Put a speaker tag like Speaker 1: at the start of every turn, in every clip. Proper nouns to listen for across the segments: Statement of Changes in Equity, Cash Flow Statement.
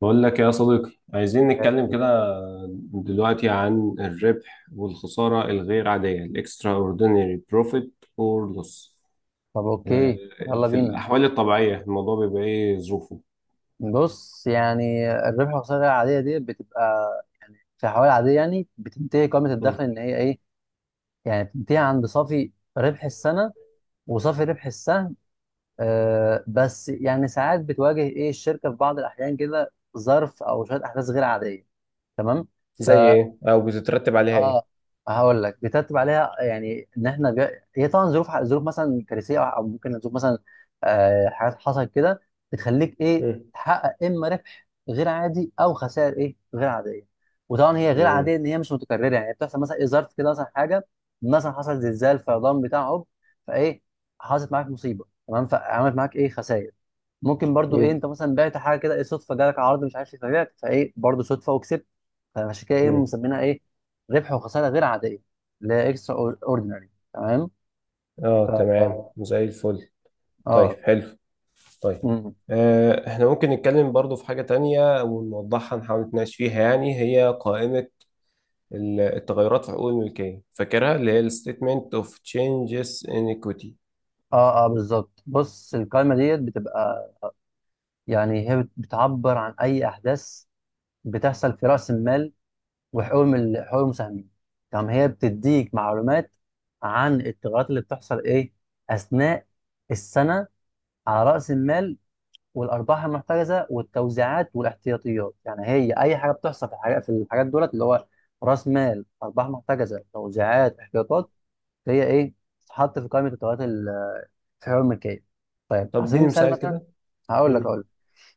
Speaker 1: بقول لك يا صديقي، عايزين نتكلم
Speaker 2: شغال.
Speaker 1: كده دلوقتي عن الربح والخسارة الغير عادية، ال extraordinary profit or loss.
Speaker 2: طب،
Speaker 1: آه.
Speaker 2: اوكي. يلا
Speaker 1: في
Speaker 2: بينا.
Speaker 1: الأحوال الطبيعية، الموضوع بيبقى إيه ظروفه؟
Speaker 2: بص، يعني الربح والخسارة العادية دي بتبقى في حوالي عادية، يعني بتنتهي قائمة الدخل
Speaker 1: مم.
Speaker 2: ان هي ايه، يعني بتنتهي عند صافي ربح السنة وصافي ربح السهم. بس يعني ساعات بتواجه ايه الشركة في بعض الأحيان كده ظرف أو شوية أحداث غير عادية. تمام.
Speaker 1: زي ايه او بتترتب عليها ايه؟
Speaker 2: اه، هقول لك بيترتب عليها يعني ان احنا هي طبعا ظروف ظروف مثلا كارثيه او ممكن ظروف مثلا حاجات حصلت كده بتخليك ايه
Speaker 1: مم.
Speaker 2: تحقق اما ربح غير عادي او خسائر ايه غير عاديه. وطبعا هي غير عاديه
Speaker 1: مم.
Speaker 2: ان هي مش متكرره، يعني بتحصل مثلا ايه ظرف كده مثلا حاجه، مثلا حصل زلزال فيضان بتاع عب فايه حصلت معاك مصيبه. تمام. فعملت معاك ايه خسائر. ممكن برضو ايه انت
Speaker 1: مم.
Speaker 2: مثلا بعت حاجه كده ايه صدفه، جالك عرض مش عارف ايه فبعت فايه برضو صدفه وكسبت. فعشان كده ايه
Speaker 1: مم.
Speaker 2: مسمينها ايه ربح وخساره غير عاديه، اللي هي اكسترا اوردينري. تمام.
Speaker 1: اه تمام
Speaker 2: اه،
Speaker 1: زي الفل. طيب
Speaker 2: اه.
Speaker 1: حلو. طيب.
Speaker 2: مم.
Speaker 1: احنا ممكن نتكلم برضو في حاجة تانية ونوضحها، نحاول نتناقش فيها. يعني هي قائمة التغيرات في حقوق الملكية، فاكرها؟ اللي هي ال Statement of Changes in Equity.
Speaker 2: اه، آه، بالظبط. بص القائمه ديت بتبقى، يعني هي بتعبر عن اي احداث بتحصل في راس المال وحقوق حقوق المساهمين. تمام، هي بتديك معلومات عن التغيرات اللي بتحصل ايه اثناء السنه على راس المال والارباح المحترزه والتوزيعات والاحتياطيات، يعني هي اي حاجه بتحصل في الحاجات دولت، اللي هو راس مال، ارباح محترزه، توزيعات، احتياطات، هي ايه تتحط في قائمه التوزيعات في الحقوق الملكيه. طيب
Speaker 1: طب
Speaker 2: على سبيل
Speaker 1: اديني
Speaker 2: المثال
Speaker 1: مثال
Speaker 2: مثلا،
Speaker 1: كده.
Speaker 2: هقول لك
Speaker 1: مم.
Speaker 2: اقول لك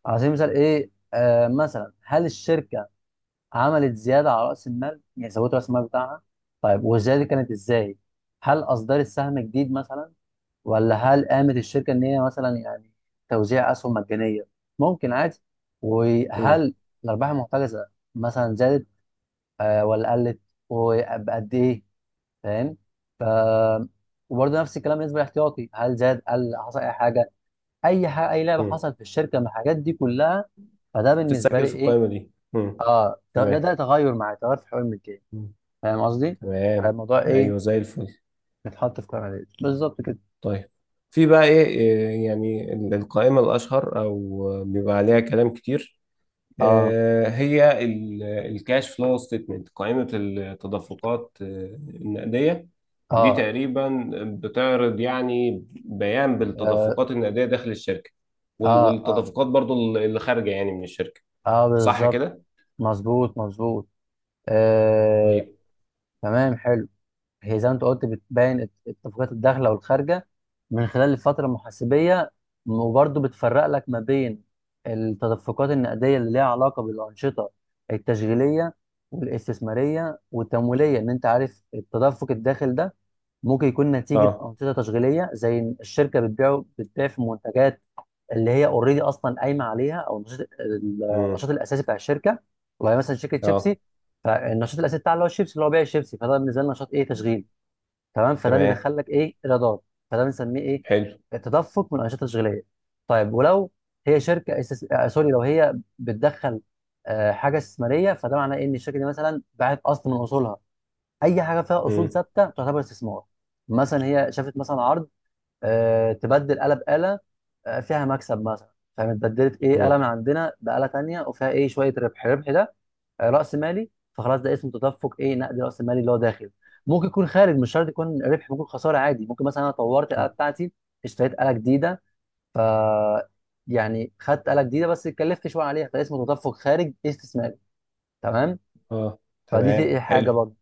Speaker 2: على سبيل المثال ايه، مثلا هل الشركه عملت زياده على راس المال، يعني زودت راس المال بتاعها؟ طيب والزياده دي كانت ازاي؟ هل اصدرت سهم جديد مثلا؟ ولا هل قامت الشركة إن هي مثلا يعني توزيع أسهم مجانية؟ ممكن عادي.
Speaker 1: مم.
Speaker 2: وهل الأرباح المحتجزة مثلا زادت ولا قلت؟ وبقد إيه؟ فاهم؟ ف وبرضه نفس الكلام بالنسبة للاحتياطي، هل زاد، قل، حصل أي حاجة؟ أي حاجة، أي لعبة
Speaker 1: مم.
Speaker 2: حصلت في الشركة من الحاجات دي كلها. فده بالنسبة لي
Speaker 1: بتتسجل في
Speaker 2: إيه؟
Speaker 1: القائمة دي. مم.
Speaker 2: آه ده ده,
Speaker 1: تمام.
Speaker 2: ده تغير معايا، تغير في حقوق الملكية.
Speaker 1: مم.
Speaker 2: فاهم قصدي؟
Speaker 1: تمام.
Speaker 2: فالموضوع إيه؟
Speaker 1: أيوه زي الفل.
Speaker 2: بيتحط في قائمة بالظبط كده.
Speaker 1: طيب. في بقى إيه، يعني القائمة الأشهر، أو بيبقى عليها كلام كتير،
Speaker 2: آه،
Speaker 1: هي الكاش فلو ستيتمنت، قائمة التدفقات النقدية. دي
Speaker 2: آه،
Speaker 1: تقريبا بتعرض يعني بيان
Speaker 2: آه،
Speaker 1: بالتدفقات النقدية داخل الشركة،
Speaker 2: آه، آه.
Speaker 1: والتدفقات برضو اللي خارجة يعني من الشركة.
Speaker 2: اه
Speaker 1: صح
Speaker 2: بالظبط.
Speaker 1: كده؟
Speaker 2: مظبوط، مظبوط. آه.
Speaker 1: طيب.
Speaker 2: تمام، حلو. هي زي ما انت قلت، بتبين اتفاقيات الداخله والخارجه من خلال الفتره المحاسبيه. وبرضه بتفرق لك ما بين التدفقات النقديه اللي ليها علاقه بالانشطه التشغيليه والاستثماريه والتمويليه. ان انت عارف التدفق الداخل ده ممكن يكون نتيجه
Speaker 1: اه.
Speaker 2: انشطه تشغيليه، زي إن الشركه بتبيع في منتجات اللي هي اوريدي اصلا قايمه عليها، او النشاط
Speaker 1: امم.
Speaker 2: الاساسي بتاع الشركه. والله مثلا شركه
Speaker 1: اه
Speaker 2: شيبسي، فالنشاط الاساسي بتاعها اللي هو الشيبسي، اللي هو بيع الشيبسي، فده بالنسبه لنا نشاط ايه، تشغيل. تمام، فده
Speaker 1: تمام.
Speaker 2: بيدخل لك ايه، ايرادات، فده بنسميه ايه،
Speaker 1: حلو.
Speaker 2: تدفق من الانشطه التشغيليه. طيب ولو هي شركه أساس... آه سوري، لو هي بتدخل حاجه استثماريه، فده معناه إيه ان الشركه دي مثلا باعت اصل من اصولها، اي حاجه فيها اصول
Speaker 1: امم.
Speaker 2: ثابته تعتبر استثمار. مثلا هي شافت مثلا عرض، تبدل آلة بآلة فيها مكسب مثلا. فاهم، اتبدلت ايه
Speaker 1: امم.
Speaker 2: آلة من عندنا بآلة تانية وفيها ايه شوية ربح، الربح ده رأس مالي، فخلاص ده اسمه تدفق ايه، نقد رأس مالي اللي هو داخل. ممكن يكون خارج، مش شرط يكون ربح، ممكن خسارة عادي، ممكن مثلا انا طورت الآلة بتاعتي، اشتريت آلة جديدة، يعني خدت آلة جديدة بس اتكلفت شوية عليها، فده اسمه تدفق خارج استثماري. تمام.
Speaker 1: اه
Speaker 2: فدي في
Speaker 1: تمام.
Speaker 2: ايه حاجة
Speaker 1: حلو.
Speaker 2: برضه،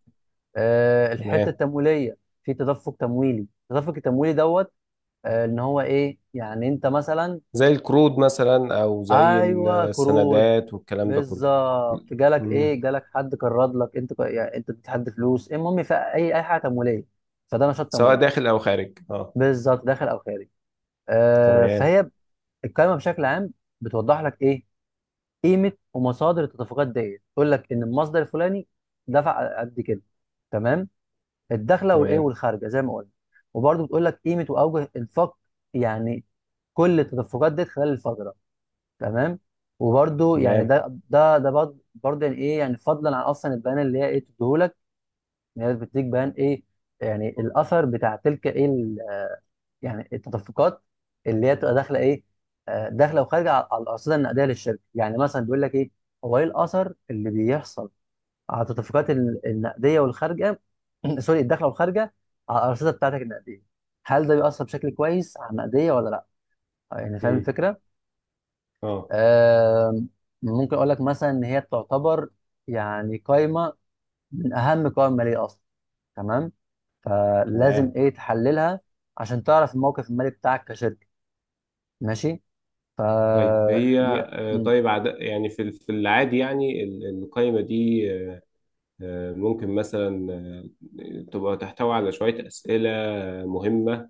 Speaker 2: أه الحتة
Speaker 1: تمام.
Speaker 2: التمويلية. في تدفق تمويلي، التدفق التمويلي دوت ان هو ايه يعني انت مثلا،
Speaker 1: زي القروض مثلا او زي
Speaker 2: ايوه قروض.
Speaker 1: السندات والكلام ده كله.
Speaker 2: بالظبط، جالك
Speaker 1: مم.
Speaker 2: ايه، جالك حد قرض لك، انت يعني انت اديت حد فلوس، المهم في اي حاجه تمويليه. فده نشاط
Speaker 1: سواء
Speaker 2: تمويلي،
Speaker 1: داخل او خارج. اه.
Speaker 2: بالظبط داخل او خارج. آه
Speaker 1: تمام.
Speaker 2: فهي الكلمه بشكل عام بتوضح لك ايه، قيمه ومصادر التدفقات ديت، تقول لك ان المصدر الفلاني دفع قد كده. تمام. الدخله والايه
Speaker 1: تمام.
Speaker 2: والخارجه زي ما قلنا، وبرده بتقول لك قيمه واوجه انفاق، يعني كل التدفقات ديت خلال الفتره. تمام. وبرده يعني
Speaker 1: تمام.
Speaker 2: ده برضه يعني ايه، يعني فضلا عن اصلا البيان اللي هي ايه بتديهولك، ان هي بتديك بيان ايه، يعني الاثر بتاع تلك ايه يعني التدفقات اللي هي تبقى داخله ايه، داخله وخارجه على الارصده النقديه للشركه، يعني مثلا بيقول لك ايه، هو ايه الاثر اللي بيحصل على التدفقات النقديه والخارجه، سوري، الداخله والخارجه على الارصده بتاعتك النقديه. هل ده بيأثر بشكل كويس على النقديه ولا لا؟ يعني فاهم
Speaker 1: مم.
Speaker 2: الفكره؟
Speaker 1: اه
Speaker 2: آم، ممكن اقول لك مثلا ان هي تعتبر يعني قائمه من اهم قوائم الماليه اصلا. تمام، فلازم
Speaker 1: تمام.
Speaker 2: ايه تحللها عشان تعرف الموقف المالي بتاعك كشركه. ماشي. ف
Speaker 1: طيب هي.
Speaker 2: ي- م.
Speaker 1: طيب يعني في في العادي، يعني القائمة دي ممكن مثلا تبقى تحتوي على شوية أسئلة مهمة،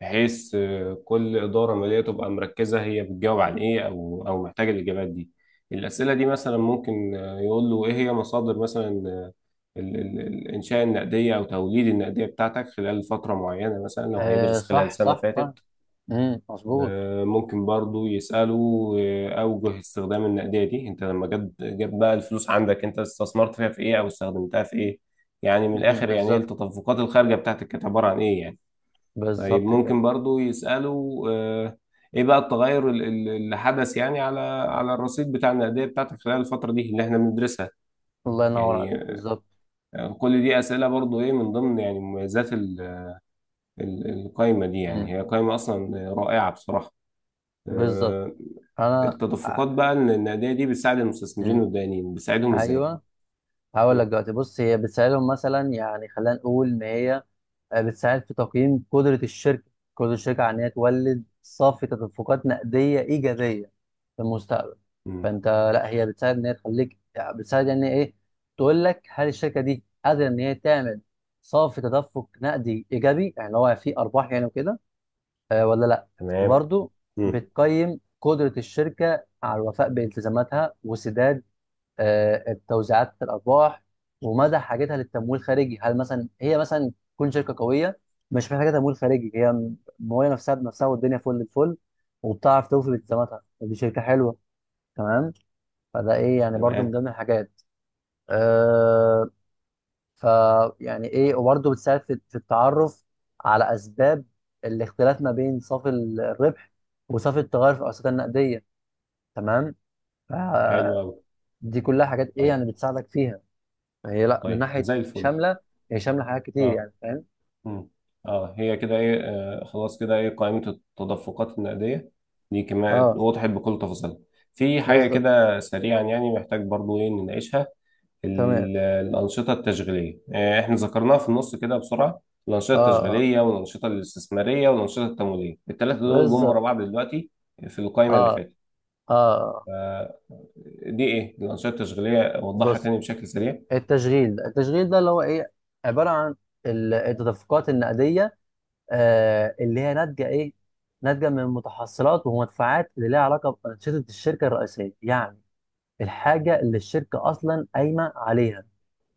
Speaker 1: بحيث كل إدارة مالية تبقى مركزة. هي بتجاوب عن إيه، أو أو محتاجة الإجابات دي؟ الأسئلة دي مثلا ممكن يقول له إيه هي مصادر مثلا الإنشاء النقدية أو توليد النقدية بتاعتك خلال فترة معينة، مثلا لو
Speaker 2: آه
Speaker 1: هيدرس خلال
Speaker 2: صح،
Speaker 1: سنة
Speaker 2: صح،
Speaker 1: فاتت.
Speaker 2: صح. مظبوط.
Speaker 1: ممكن برضو يسأله أوجه استخدام النقدية دي. أنت لما جاب بقى الفلوس عندك، أنت استثمرت فيها في إيه، أو استخدمتها في إيه؟ يعني من
Speaker 2: مم،
Speaker 1: الآخر، يعني إيه
Speaker 2: بالظبط.
Speaker 1: التدفقات الخارجة بتاعتك، كانت عبارة عن إيه يعني. طيب
Speaker 2: بالظبط كده.
Speaker 1: ممكن برضو يسألوا ايه بقى التغير اللي حدث يعني على على الرصيد بتاع النقدية بتاعتك خلال الفترة دي اللي احنا بندرسها.
Speaker 2: الله ينور
Speaker 1: يعني
Speaker 2: عليك، بالظبط.
Speaker 1: كل دي أسئلة برضو ايه، من ضمن يعني مميزات القايمة دي. يعني
Speaker 2: مم،
Speaker 1: هي قايمة أصلا رائعة بصراحة.
Speaker 2: بالظبط.
Speaker 1: آه،
Speaker 2: انا
Speaker 1: التدفقات بقى ان النقدية دي بتساعد المستثمرين
Speaker 2: مم.
Speaker 1: والدائنين، بتساعدهم ازاي؟
Speaker 2: ايوه. هقول لك
Speaker 1: مم.
Speaker 2: دلوقتي. بص، هي بتساعدهم مثلا، يعني خلينا نقول ان هي بتساعد في تقييم قدرة الشركة على إن هي تولد صافي تدفقات نقدية إيجابية في المستقبل.
Speaker 1: مم.
Speaker 2: فأنت لا، هي بتساعد إن هي تخليك، يعني بتساعد يعني إيه، تقول لك هل الشركة دي قادرة إن هي تعمل صافي تدفق نقدي إيجابي، يعني هو فيه أرباح يعني وكده ولا لا.
Speaker 1: تمام.
Speaker 2: وبرضه
Speaker 1: مم.
Speaker 2: بتقيم قدرة الشركة على الوفاء بالتزاماتها وسداد التوزيعات، الارباح، ومدى حاجتها للتمويل الخارجي. هل مثلا هي مثلا تكون شركه قويه مش محتاجه تمويل خارجي، هي مويه نفسها بنفسها والدنيا فل الفل، وبتعرف توفي بالتزاماتها، دي شركه حلوه. تمام، فده ايه يعني برضو من
Speaker 1: تمام.
Speaker 2: ضمن الحاجات. أه ف يعني ايه، وبرضو بتساعد في التعرف على اسباب الاختلاف ما بين صافي الربح وصافي التغير في الأوساط النقديه. تمام. ف-
Speaker 1: حلو أوي.
Speaker 2: دي كلها حاجات ايه
Speaker 1: طيب.
Speaker 2: يعني بتساعدك فيها هي، لا من
Speaker 1: طيب
Speaker 2: ناحيه
Speaker 1: زي الفل.
Speaker 2: شامله، هي شامله حاجات كتير
Speaker 1: اه.
Speaker 2: يعني، فاهم.
Speaker 1: مم. اه هي كده ايه، خلاص كده ايه قائمة التدفقات النقدية دي كمان،
Speaker 2: اه
Speaker 1: وضحت بكل تفاصيلها. في حاجة
Speaker 2: بالظبط.
Speaker 1: كده سريعا يعني محتاج برضو ايه نناقشها.
Speaker 2: تمام.
Speaker 1: الأنشطة التشغيلية، احنا ذكرناها في النص كده بسرعة. الأنشطة
Speaker 2: اه، اه
Speaker 1: التشغيلية والأنشطة الاستثمارية والأنشطة التمويلية، الثلاثة دول جم
Speaker 2: بالظبط.
Speaker 1: ورا بعض دلوقتي في
Speaker 2: اه،
Speaker 1: القائمة اللي فاتت.
Speaker 2: اه، آه.
Speaker 1: آه، دي ايه الأنشطة التشغيلية؟ أوضحها
Speaker 2: بص،
Speaker 1: تاني بشكل سريع.
Speaker 2: التشغيل ده اللي هو ايه، عباره عن التدفقات النقديه اللي هي ناتجه ايه، ناتجه من متحصلات ومدفوعات اللي لها علاقه بانشطه الشركه الرئيسيه، يعني الحاجه اللي الشركه اصلا قايمه عليها.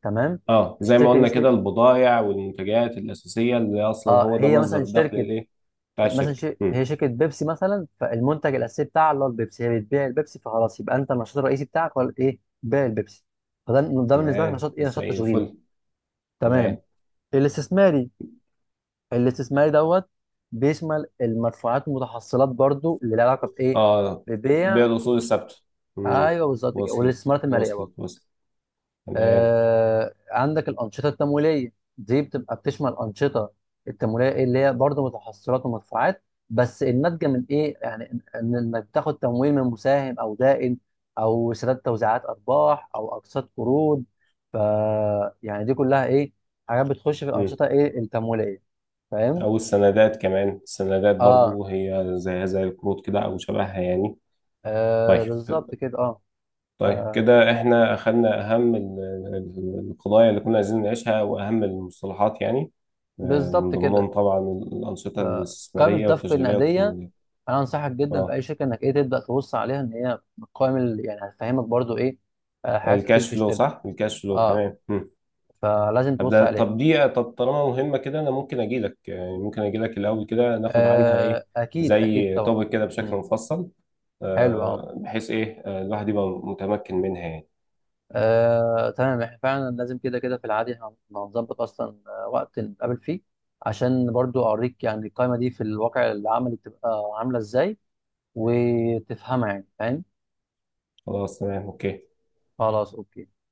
Speaker 2: تمام.
Speaker 1: اه زي ما
Speaker 2: الشركه دي
Speaker 1: قلنا
Speaker 2: شركه،
Speaker 1: كده البضائع والمنتجات الأساسية، اللي أصلا
Speaker 2: اه
Speaker 1: هو ده
Speaker 2: هي مثلا
Speaker 1: مصدر الدخل
Speaker 2: شركه
Speaker 1: الإيه بتاع
Speaker 2: مثلا
Speaker 1: الشركة.
Speaker 2: هي
Speaker 1: مم.
Speaker 2: شركه بيبسي مثلا، فالمنتج الاساسي بتاعها اللي هو البيبسي، هي بتبيع البيبسي، فخلاص يبقى انت النشاط الرئيسي بتاعك ولا ايه، بيع البيبسي، فده بالنسبه لك
Speaker 1: تمام
Speaker 2: نشاط ايه، نشاط
Speaker 1: زي
Speaker 2: تشغيلي.
Speaker 1: الفل.
Speaker 2: تمام.
Speaker 1: تمام.
Speaker 2: الاستثماري، دوت بيشمل المدفوعات والمتحصلات برضو اللي لها علاقه بايه،
Speaker 1: اه
Speaker 2: ببيع
Speaker 1: بيع الأصول
Speaker 2: وشراء،
Speaker 1: الثابتة. مم.
Speaker 2: ايوه بالظبط كده،
Speaker 1: وصلت.
Speaker 2: والاستثمارات الماليه
Speaker 1: وصلت.
Speaker 2: برضو.
Speaker 1: وصلت. تمام.
Speaker 2: آه عندك الأنشطة التمويلية، دي بتبقى بتشمل أنشطة التمويلية اللي هي برضه متحصلات ومدفوعات، بس الناتجة من إيه؟ يعني إنك تاخد تمويل من مساهم أو دائن، أو سداد توزيعات أرباح أو أقساط قروض. ف يعني دي كلها إيه؟ حاجات بتخش في
Speaker 1: مم.
Speaker 2: الأنشطة إيه التمويلية. فاهم؟
Speaker 1: أو السندات، كمان السندات
Speaker 2: آه،
Speaker 1: برضو هي زيها زي القروض كده أو شبهها يعني. طيب.
Speaker 2: آه بالظبط كده، آه. ف-
Speaker 1: طيب كده احنا اخدنا اهم القضايا اللي كنا عايزين نعيشها، واهم المصطلحات يعني من
Speaker 2: بالظبط كده.
Speaker 1: ضمنهم طبعا الانشطه
Speaker 2: فقائمة
Speaker 1: الاستثماريه
Speaker 2: الدفق
Speaker 1: والتشغيليه
Speaker 2: النقدية،
Speaker 1: والتمويليه.
Speaker 2: انا انصحك جدا في
Speaker 1: اه
Speaker 2: اي شركه انك ايه تبدا تبص عليها، ان هي بتقيم يعني هتفهمك برضو ايه حاجات كتير
Speaker 1: الكاش
Speaker 2: في
Speaker 1: فلو،
Speaker 2: الشركه.
Speaker 1: صح، الكاش فلو
Speaker 2: اه
Speaker 1: تمام. مم.
Speaker 2: فلازم تبص
Speaker 1: ابدا.
Speaker 2: عليها.
Speaker 1: طب طالما مهمه كده، انا ممكن اجي لك، يعني ممكن اجي لك الاول كده، ناخد عنها ايه
Speaker 2: آه اكيد، اكيد
Speaker 1: زي
Speaker 2: طبعا.
Speaker 1: توبك كده بشكل
Speaker 2: مم.
Speaker 1: مفصل،
Speaker 2: حلو، اه.
Speaker 1: بحيث ايه الواحد يبقى متمكن منها يعني.
Speaker 2: تمام، احنا فعلا لازم كده كده في العادي هنظبط اصلا وقت نتقابل فيه، عشان برضو اوريك يعني القائمه دي في الواقع العملي بتبقى عامله ازاي وتفهمها، يعني فاهم.
Speaker 1: خلاص تمام اوكي.
Speaker 2: خلاص اوكي.